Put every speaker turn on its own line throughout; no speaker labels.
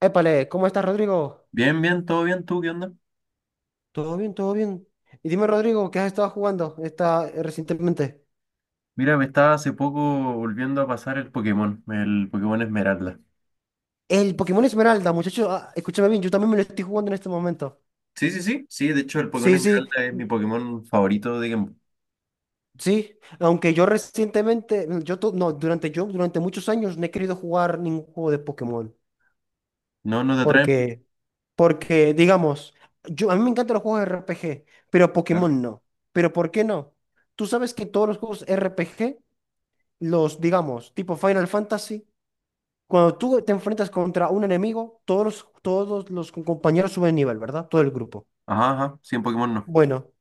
Épale, ¿cómo estás, Rodrigo?
Bien, bien, todo bien, ¿tú qué onda?
Todo bien, todo bien. Y dime, Rodrigo, ¿qué has estado jugando recientemente?
Mira, me estaba hace poco volviendo a pasar el Pokémon Esmeralda.
El Pokémon Esmeralda, muchachos, escúchame bien, yo también me lo estoy jugando en este momento.
Sí, sí, sí, sí, de hecho el Pokémon
Sí, sí,
Esmeralda es mi Pokémon favorito de Game Boy.
sí. Aunque yo recientemente, yo, durante muchos años no he querido jugar ningún juego de Pokémon.
No, no te atrae mucho,
Porque, porque, digamos, yo, a mí me encantan los juegos RPG, pero
claro.
Pokémon no. ¿Pero por qué no? Tú sabes que todos los juegos RPG, los, digamos, tipo Final Fantasy, cuando tú te enfrentas contra un enemigo, todos los compañeros suben de nivel, ¿verdad? Todo el grupo.
Ajá, ajá, sí, en Pokémon no.
Bueno,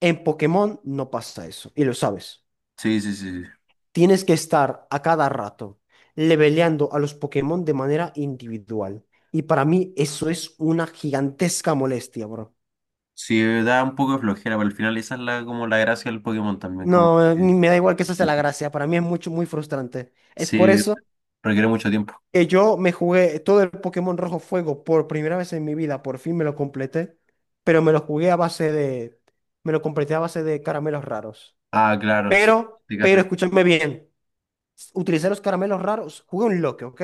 en Pokémon no pasa eso, y lo sabes.
Sí, sí, sí, sí.
Tienes que estar a cada rato leveleando a los Pokémon de manera individual. Y para mí eso es una gigantesca molestia, bro.
Sí, da un poco de flojera, pero al final esa es la, como la gracia del Pokémon también, como
No,
que-
ni me da igual que esa sea la gracia, para mí es mucho, muy frustrante. Es por
sí,
eso
requiere mucho tiempo.
que yo me jugué todo el Pokémon Rojo Fuego por primera vez en mi vida, por fin me lo completé, pero me lo jugué a base de, me lo completé a base de caramelos raros.
Ah, claro, sí,
Pero,
te
pero
haces,
escúchame bien, utilicé los caramelos raros, jugué un loque, ¿ok?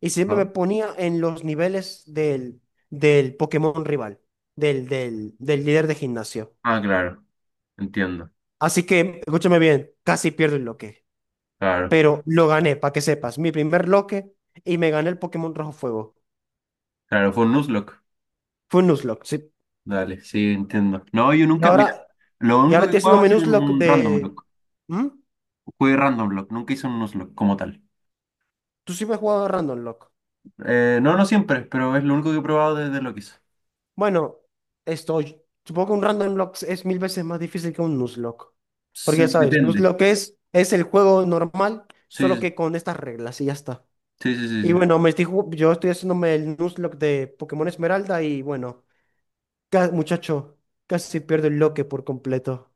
Y siempre me
¿no?
ponía en los niveles del Pokémon rival, del líder de gimnasio.
Ah, claro, entiendo,
Así que, escúchame bien, casi pierdo el loque,
claro,
pero lo gané, para que sepas, mi primer loque y me gané el Pokémon Rojo Fuego.
claro, fue un Nuzlocke.
Fue un Nuzlocke, sí.
Dale, sí, entiendo. No, yo
Y
nunca, mira,
ahora,
lo
y ahora
único que
estoy haciendo
jugaba ha sido
menús
un,
lock
un random
de.
block.
¿Mm?
Jugué random block, nunca hice un block como tal.
Tú sí me has jugado a Random Lock.
No, no siempre, pero es lo único que he probado desde lo que hice.
Bueno, estoy. Supongo que un Random Lock es mil veces más difícil que un Nuzlocke. Porque
Sí,
ya sabes,
depende.
Nuzlocke es el juego normal, solo
Sí,
que con estas reglas y ya está.
sí, sí, sí,
Y
sí.
bueno, yo estoy haciéndome el Nuzlocke de Pokémon Esmeralda y bueno, muchacho, casi pierdo el loque por completo.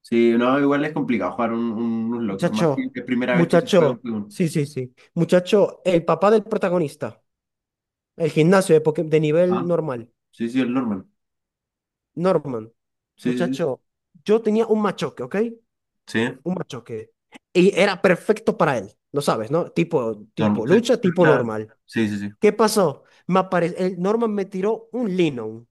Sí, no, igual es complicado jugar un Nuzlocke, más si
Muchacho,
es primera vez que se juega un
muchacho,
juego.
sí, sí, sí. Muchacho, el papá del protagonista. El gimnasio de, de nivel
Ah,
normal.
sí, sí, el normal.
Norman.
Sí, sí, sí.
Muchacho, yo tenía un machoque, ¿ok?
Sí,
Un machoque. Y era perfecto para él. Lo sabes, ¿no?
normal,
Tipo
sí.
lucha, tipo
Lucha-
normal.
sí, sí, sí.
¿Qué pasó? El Norman me tiró un Lino.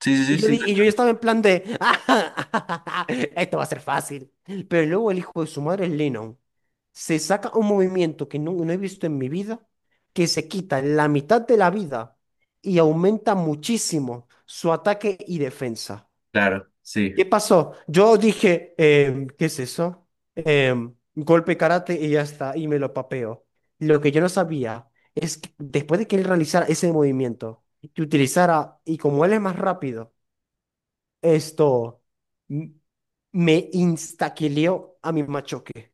Sí, sí, sí,
Y yo,
sí,
y yo ya
cacho.
estaba en plan de, esto va a ser fácil. Pero luego el hijo de su madre, Lennon, se saca un movimiento que no he visto en mi vida, que se quita la mitad de la vida y aumenta muchísimo su ataque y defensa.
Claro, sí.
¿Qué pasó? Yo dije, ¿qué es eso? Golpe karate y ya está, y me lo papeo. Lo que yo no sabía es que después de que él realizara ese movimiento, que utilizara, y como él es más rápido, esto m- me instaquileó a mi machoque.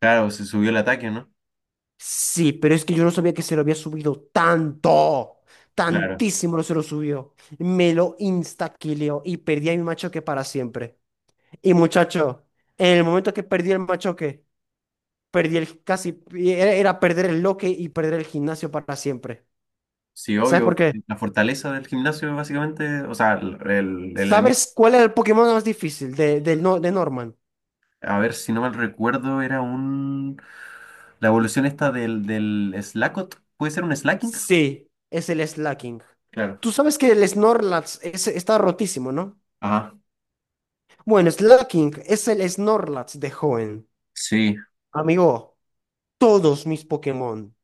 Claro, se subió el ataque, ¿no?
Sí, pero es que yo no sabía que se lo había subido tanto.
Claro.
Tantísimo lo se lo subió. Me lo instaquileó y perdí a mi machoque para siempre. Y muchacho, en el momento que perdí el machoque, perdí el casi, era perder el loque y perder el gimnasio para siempre.
Sí,
¿Sabes
obvio.
por qué?
La fortaleza del gimnasio, básicamente, o sea, el enemigo,
¿Sabes cuál era el Pokémon más difícil de, del no- de Norman?
a ver, si no mal recuerdo, era un... la evolución esta del Slackot, ¿puede ser un Slacking?
Sí, es el slacking.
Claro.
Tú sabes que el Snorlax está rotísimo, ¿no?
Ajá.
Bueno, Slacking es el Snorlax de joven.
Sí.
Amigo, todos mis Pokémon,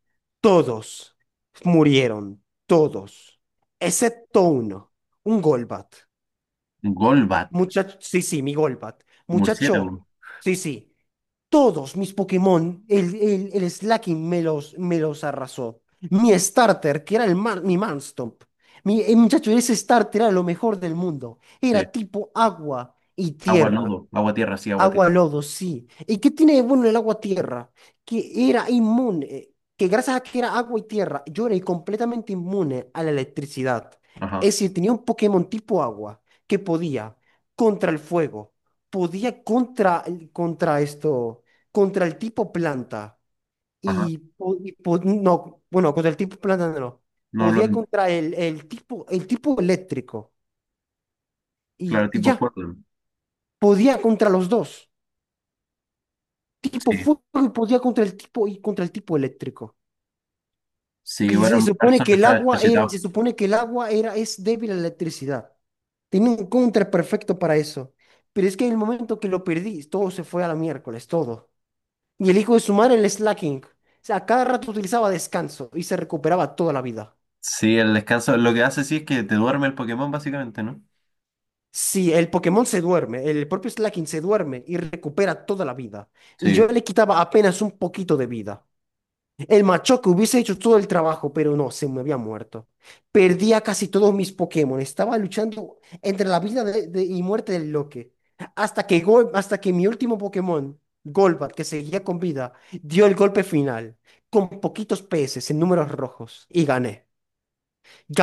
todos murieron, todos, excepto uno, un Golbat.
Golbat,
Muchacho, sí, sí, mi Golbat. Muchacho,
murciélago.
sí, sí, todos mis Pokémon, el Slaking me los arrasó. Mi starter, que era mi Marstomp. Mi, muchacho, ese starter era lo mejor del mundo.
Sí.
Era tipo agua y
Agua
tierra.
lodo, agua tierra, sí, agua tierra.
Agua lodo, sí. ¿Y qué tiene de bueno el agua tierra? Que era inmune, que gracias a que era agua y tierra, yo era completamente inmune a la electricidad.
Ajá,
Es decir, tenía un Pokémon tipo agua que podía contra el fuego, podía contra, contra esto, contra el tipo planta
ajá.
y, no, bueno, contra el tipo planta no,
No, no,
podía contra el tipo eléctrico
claro,
y
tipo
ya,
Portland.
podía contra los dos. Tipo
Sí.
fuego y podía contra el tipo y contra el tipo eléctrico.
Sí,
Y
bueno,
supone
Carson
que el
está
agua era, y
chetado.
se supone que el agua era, es débil a la electricidad. Tenía un contra perfecto para eso. Pero es que en el momento que lo perdí, todo se fue a la miércoles, todo. Y el hijo de su madre, el slacking. O sea, a cada rato utilizaba descanso y se recuperaba toda la vida.
Sí, el descanso, lo que hace sí es que te duerme el Pokémon, básicamente, ¿no?
Sí, el Pokémon se duerme, el propio slaking se duerme y recupera toda la vida. Y
Sí,
yo le quitaba apenas un poquito de vida. El machoca hubiese hecho todo el trabajo, pero no, se me había muerto. Perdía casi todos mis Pokémon. Estaba luchando entre la vida y muerte del Loque. Hasta que, hasta que mi último Pokémon, Golbat, que seguía con vida, dio el golpe final. Con poquitos P. S. en números rojos. Y gané.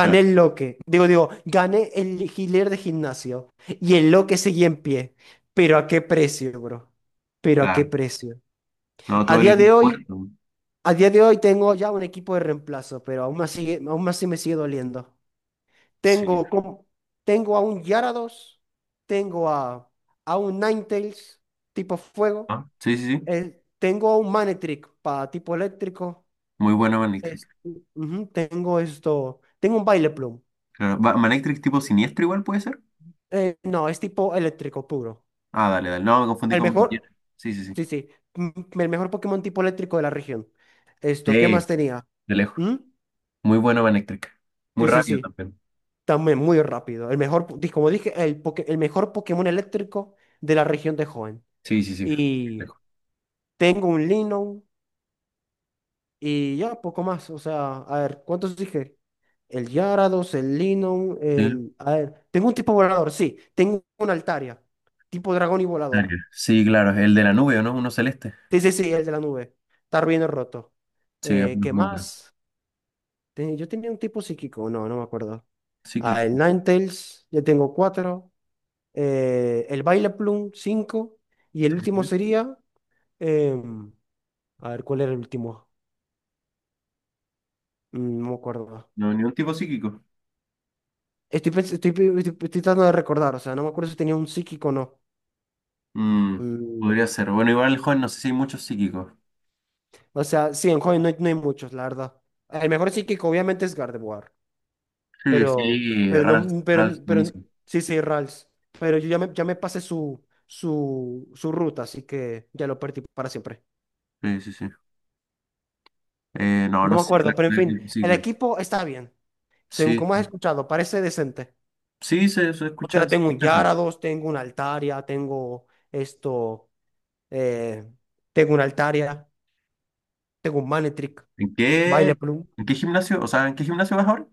claro.
el Loque. Digo, gané el Healer de gimnasio. Y el Loque seguía en pie. Pero a qué precio, bro. Pero a qué
Claro.
precio.
No,
A
todo el
día de
equipo
hoy.
muerto.
A día de hoy tengo ya un equipo de reemplazo, pero aún más sigue, aún así me sigue doliendo.
Sí.
Tengo, com- tengo a un Gyarados, tengo a un Ninetales tipo fuego,
Ah, sí, sí, sí.
tengo a un Manectric para tipo eléctrico,
Muy buena Manectric.
es- ujú, tengo esto, tengo un Baileplum.
Claro. Va- Manectric tipo siniestro igual puede ser.
No, es tipo eléctrico puro.
Ah, dale, dale. No, me confundí
El
con
mejor,
Manectric. Sí, sí, sí.
sí, sí, m- el mejor Pokémon tipo eléctrico de la región. Esto, ¿qué más
Sí,
tenía?
de lejos.
¿Mm?
Muy buena Manectric. Muy
Sí, sí,
rápido
sí.
también.
También muy rápido. El mejor, como dije, el mejor Pokémon eléctrico de la región de Hoenn.
Sí, sí, sí. De
Y
lejos.
tengo un Linon y ya, poco más. O sea, a ver, ¿cuántos dije? El Gyarados, el Linon,
Sí,
el... A ver, tengo un tipo volador, sí. Tengo un Altaria, tipo dragón y volador.
Aria. Sí, claro. El de la nube, ¿o no? Uno celeste.
Sí, sí, sí, el de la nube. Está bien roto.
Sí, es muy
¿Qué
bueno.
más? Yo tenía un tipo psíquico, no, no me acuerdo. Ah,
Psíquico.
el Ninetales, ya tengo cuatro. El Baile Plum 5 y el
Sí, sí.
último
Sí.
sería, em, a ver, ¿cuál era el último? Mm, no me acuerdo.
No, ni un tipo psíquico.
Estoy, pens- estoy, pi- estoy- estoy tratando de recordar, o sea, no me acuerdo si tenía un psíquico o no.
Mm,
Mm,
podría ser. Bueno, igual el joven, no sé si hay muchos psíquicos.
o sea, sí, en joven no hay, no hay muchos, la verdad. El mejor psíquico obviamente es Gardevoir,
Sí,
pero,
sí,
pero no,
Ralph,
mm,
Ralph,
pero
buenísimo.
sí, sí, Rals. Pero ya me pasé su ruta, así que ya lo perdí para siempre.
Sí, sí, sí. No,
No
no
me
sé, la
acuerdo, pero en
verdad,
fin,
sí,
el
güey.
equipo está bien. Según
Sí,
como has escuchado, parece decente.
sí, se,
Porque
se
tengo un
escucha eso.
Yarados, tengo una Altaria, tengo esto, eh, tengo una Altaria, tengo un Manetric,
¿En
Baile
qué,
Plum.
en qué gimnasio? O sea, ¿en qué gimnasio vas ahora?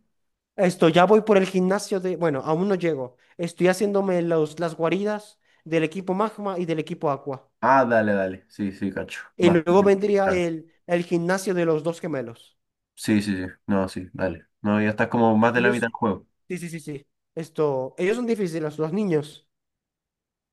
Esto, ya voy por el gimnasio de, bueno, aún no llego. Estoy haciéndome las guaridas del equipo Magma y del equipo Aqua.
Ah, dale, dale. Sí, sí, cacho.
Y
Vas por
luego
él,
vendría
claro.
el gimnasio de los dos gemelos.
Sí, sí, sí. No, sí, dale. No, ya estás como más de la
Ellos,
mitad del juego.
sí, sí, sí, sí. Esto, ellos son difíciles, los niños.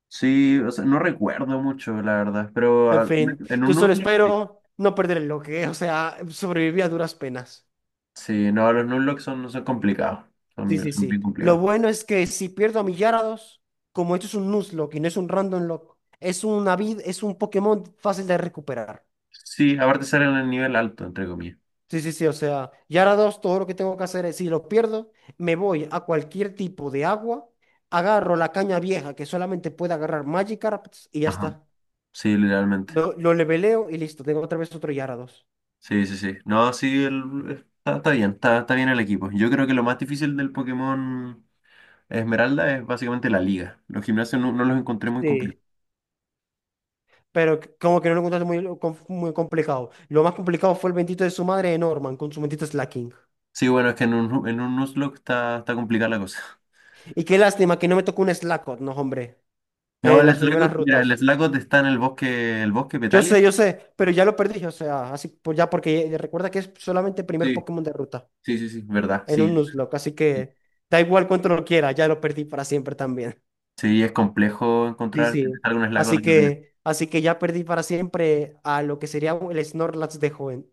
Sí, o sea, no recuerdo mucho, la verdad. Pero
En
al-
fin,
en un
yo solo
Nuzlocke, sí.
espero no perder el bloque, o sea, sobreviví a duras penas.
Sí, no, los Nuzlocke son, no son complicados. Son,
Sí,
bien,
sí,
son
sí.
bien
Lo
complicados.
bueno es que si pierdo a mi Gyarados, como esto es un Nuzlocke y no es un Random Lock, es una vid, es un Pokémon fácil de recuperar.
Sí, aparte salen en el nivel alto, entre comillas.
Sí, sí, sí. O sea, Gyarados, todo lo que tengo que hacer es, si lo pierdo, me voy a cualquier tipo de agua, agarro la caña vieja que solamente puede agarrar Magikarp y ya
Ajá.
está.
Sí, literalmente.
Lo leveleo y listo. Tengo otra vez otro Gyarados.
Sí, sí, sí. No, sí, el- está, está bien el equipo. Yo creo que lo más difícil del Pokémon Esmeralda es básicamente la liga. Los gimnasios no, no los encontré muy complicados.
Sí. Pero como que no lo encontraste muy, muy complicado. Lo más complicado fue el bendito de su madre, de Norman, con su bendito Slaking.
Sí, bueno, es que en un Nuzlocke está, está complicada la cosa.
Y qué lástima que no me tocó un Slackoth, no, hombre,
No,
en
el
las primeras
Slagot, mira, el
rutas.
Slagot está en el bosque Petalia.
Yo sé, pero ya lo perdí, o sea, así pues ya porque recuerda que es solamente el primer
Sí,
Pokémon de ruta
sí, sí, sí, verdad,
en
sí.
un Nuzlocke, así
Sí,
que da igual cuánto lo quiera, ya lo perdí para siempre también.
sí, es complejo
Sí,
encontrar que te
sí.
salga un Slagot en el primero.
Así que ya perdí para siempre a lo que sería el Snorlax de joven.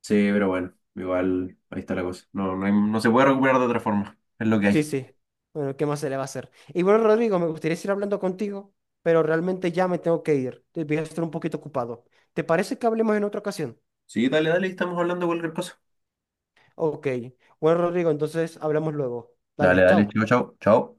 Sí, pero bueno, igual ahí está la cosa. No, no, hay- no se puede recuperar de otra forma. Es lo que
Sí,
hay.
sí. Bueno, ¿qué más se le va a hacer? Y bueno, Rodrigo, me gustaría seguir hablando contigo, pero realmente ya me tengo que ir. Voy a estar un poquito ocupado. ¿Te parece que hablemos en otra ocasión?
Sí, dale, dale, estamos hablando de cualquier cosa.
Ok. Bueno, Rodrigo, entonces hablamos luego.
Dale,
Dale,
dale,
chao.
chao, chao, chao.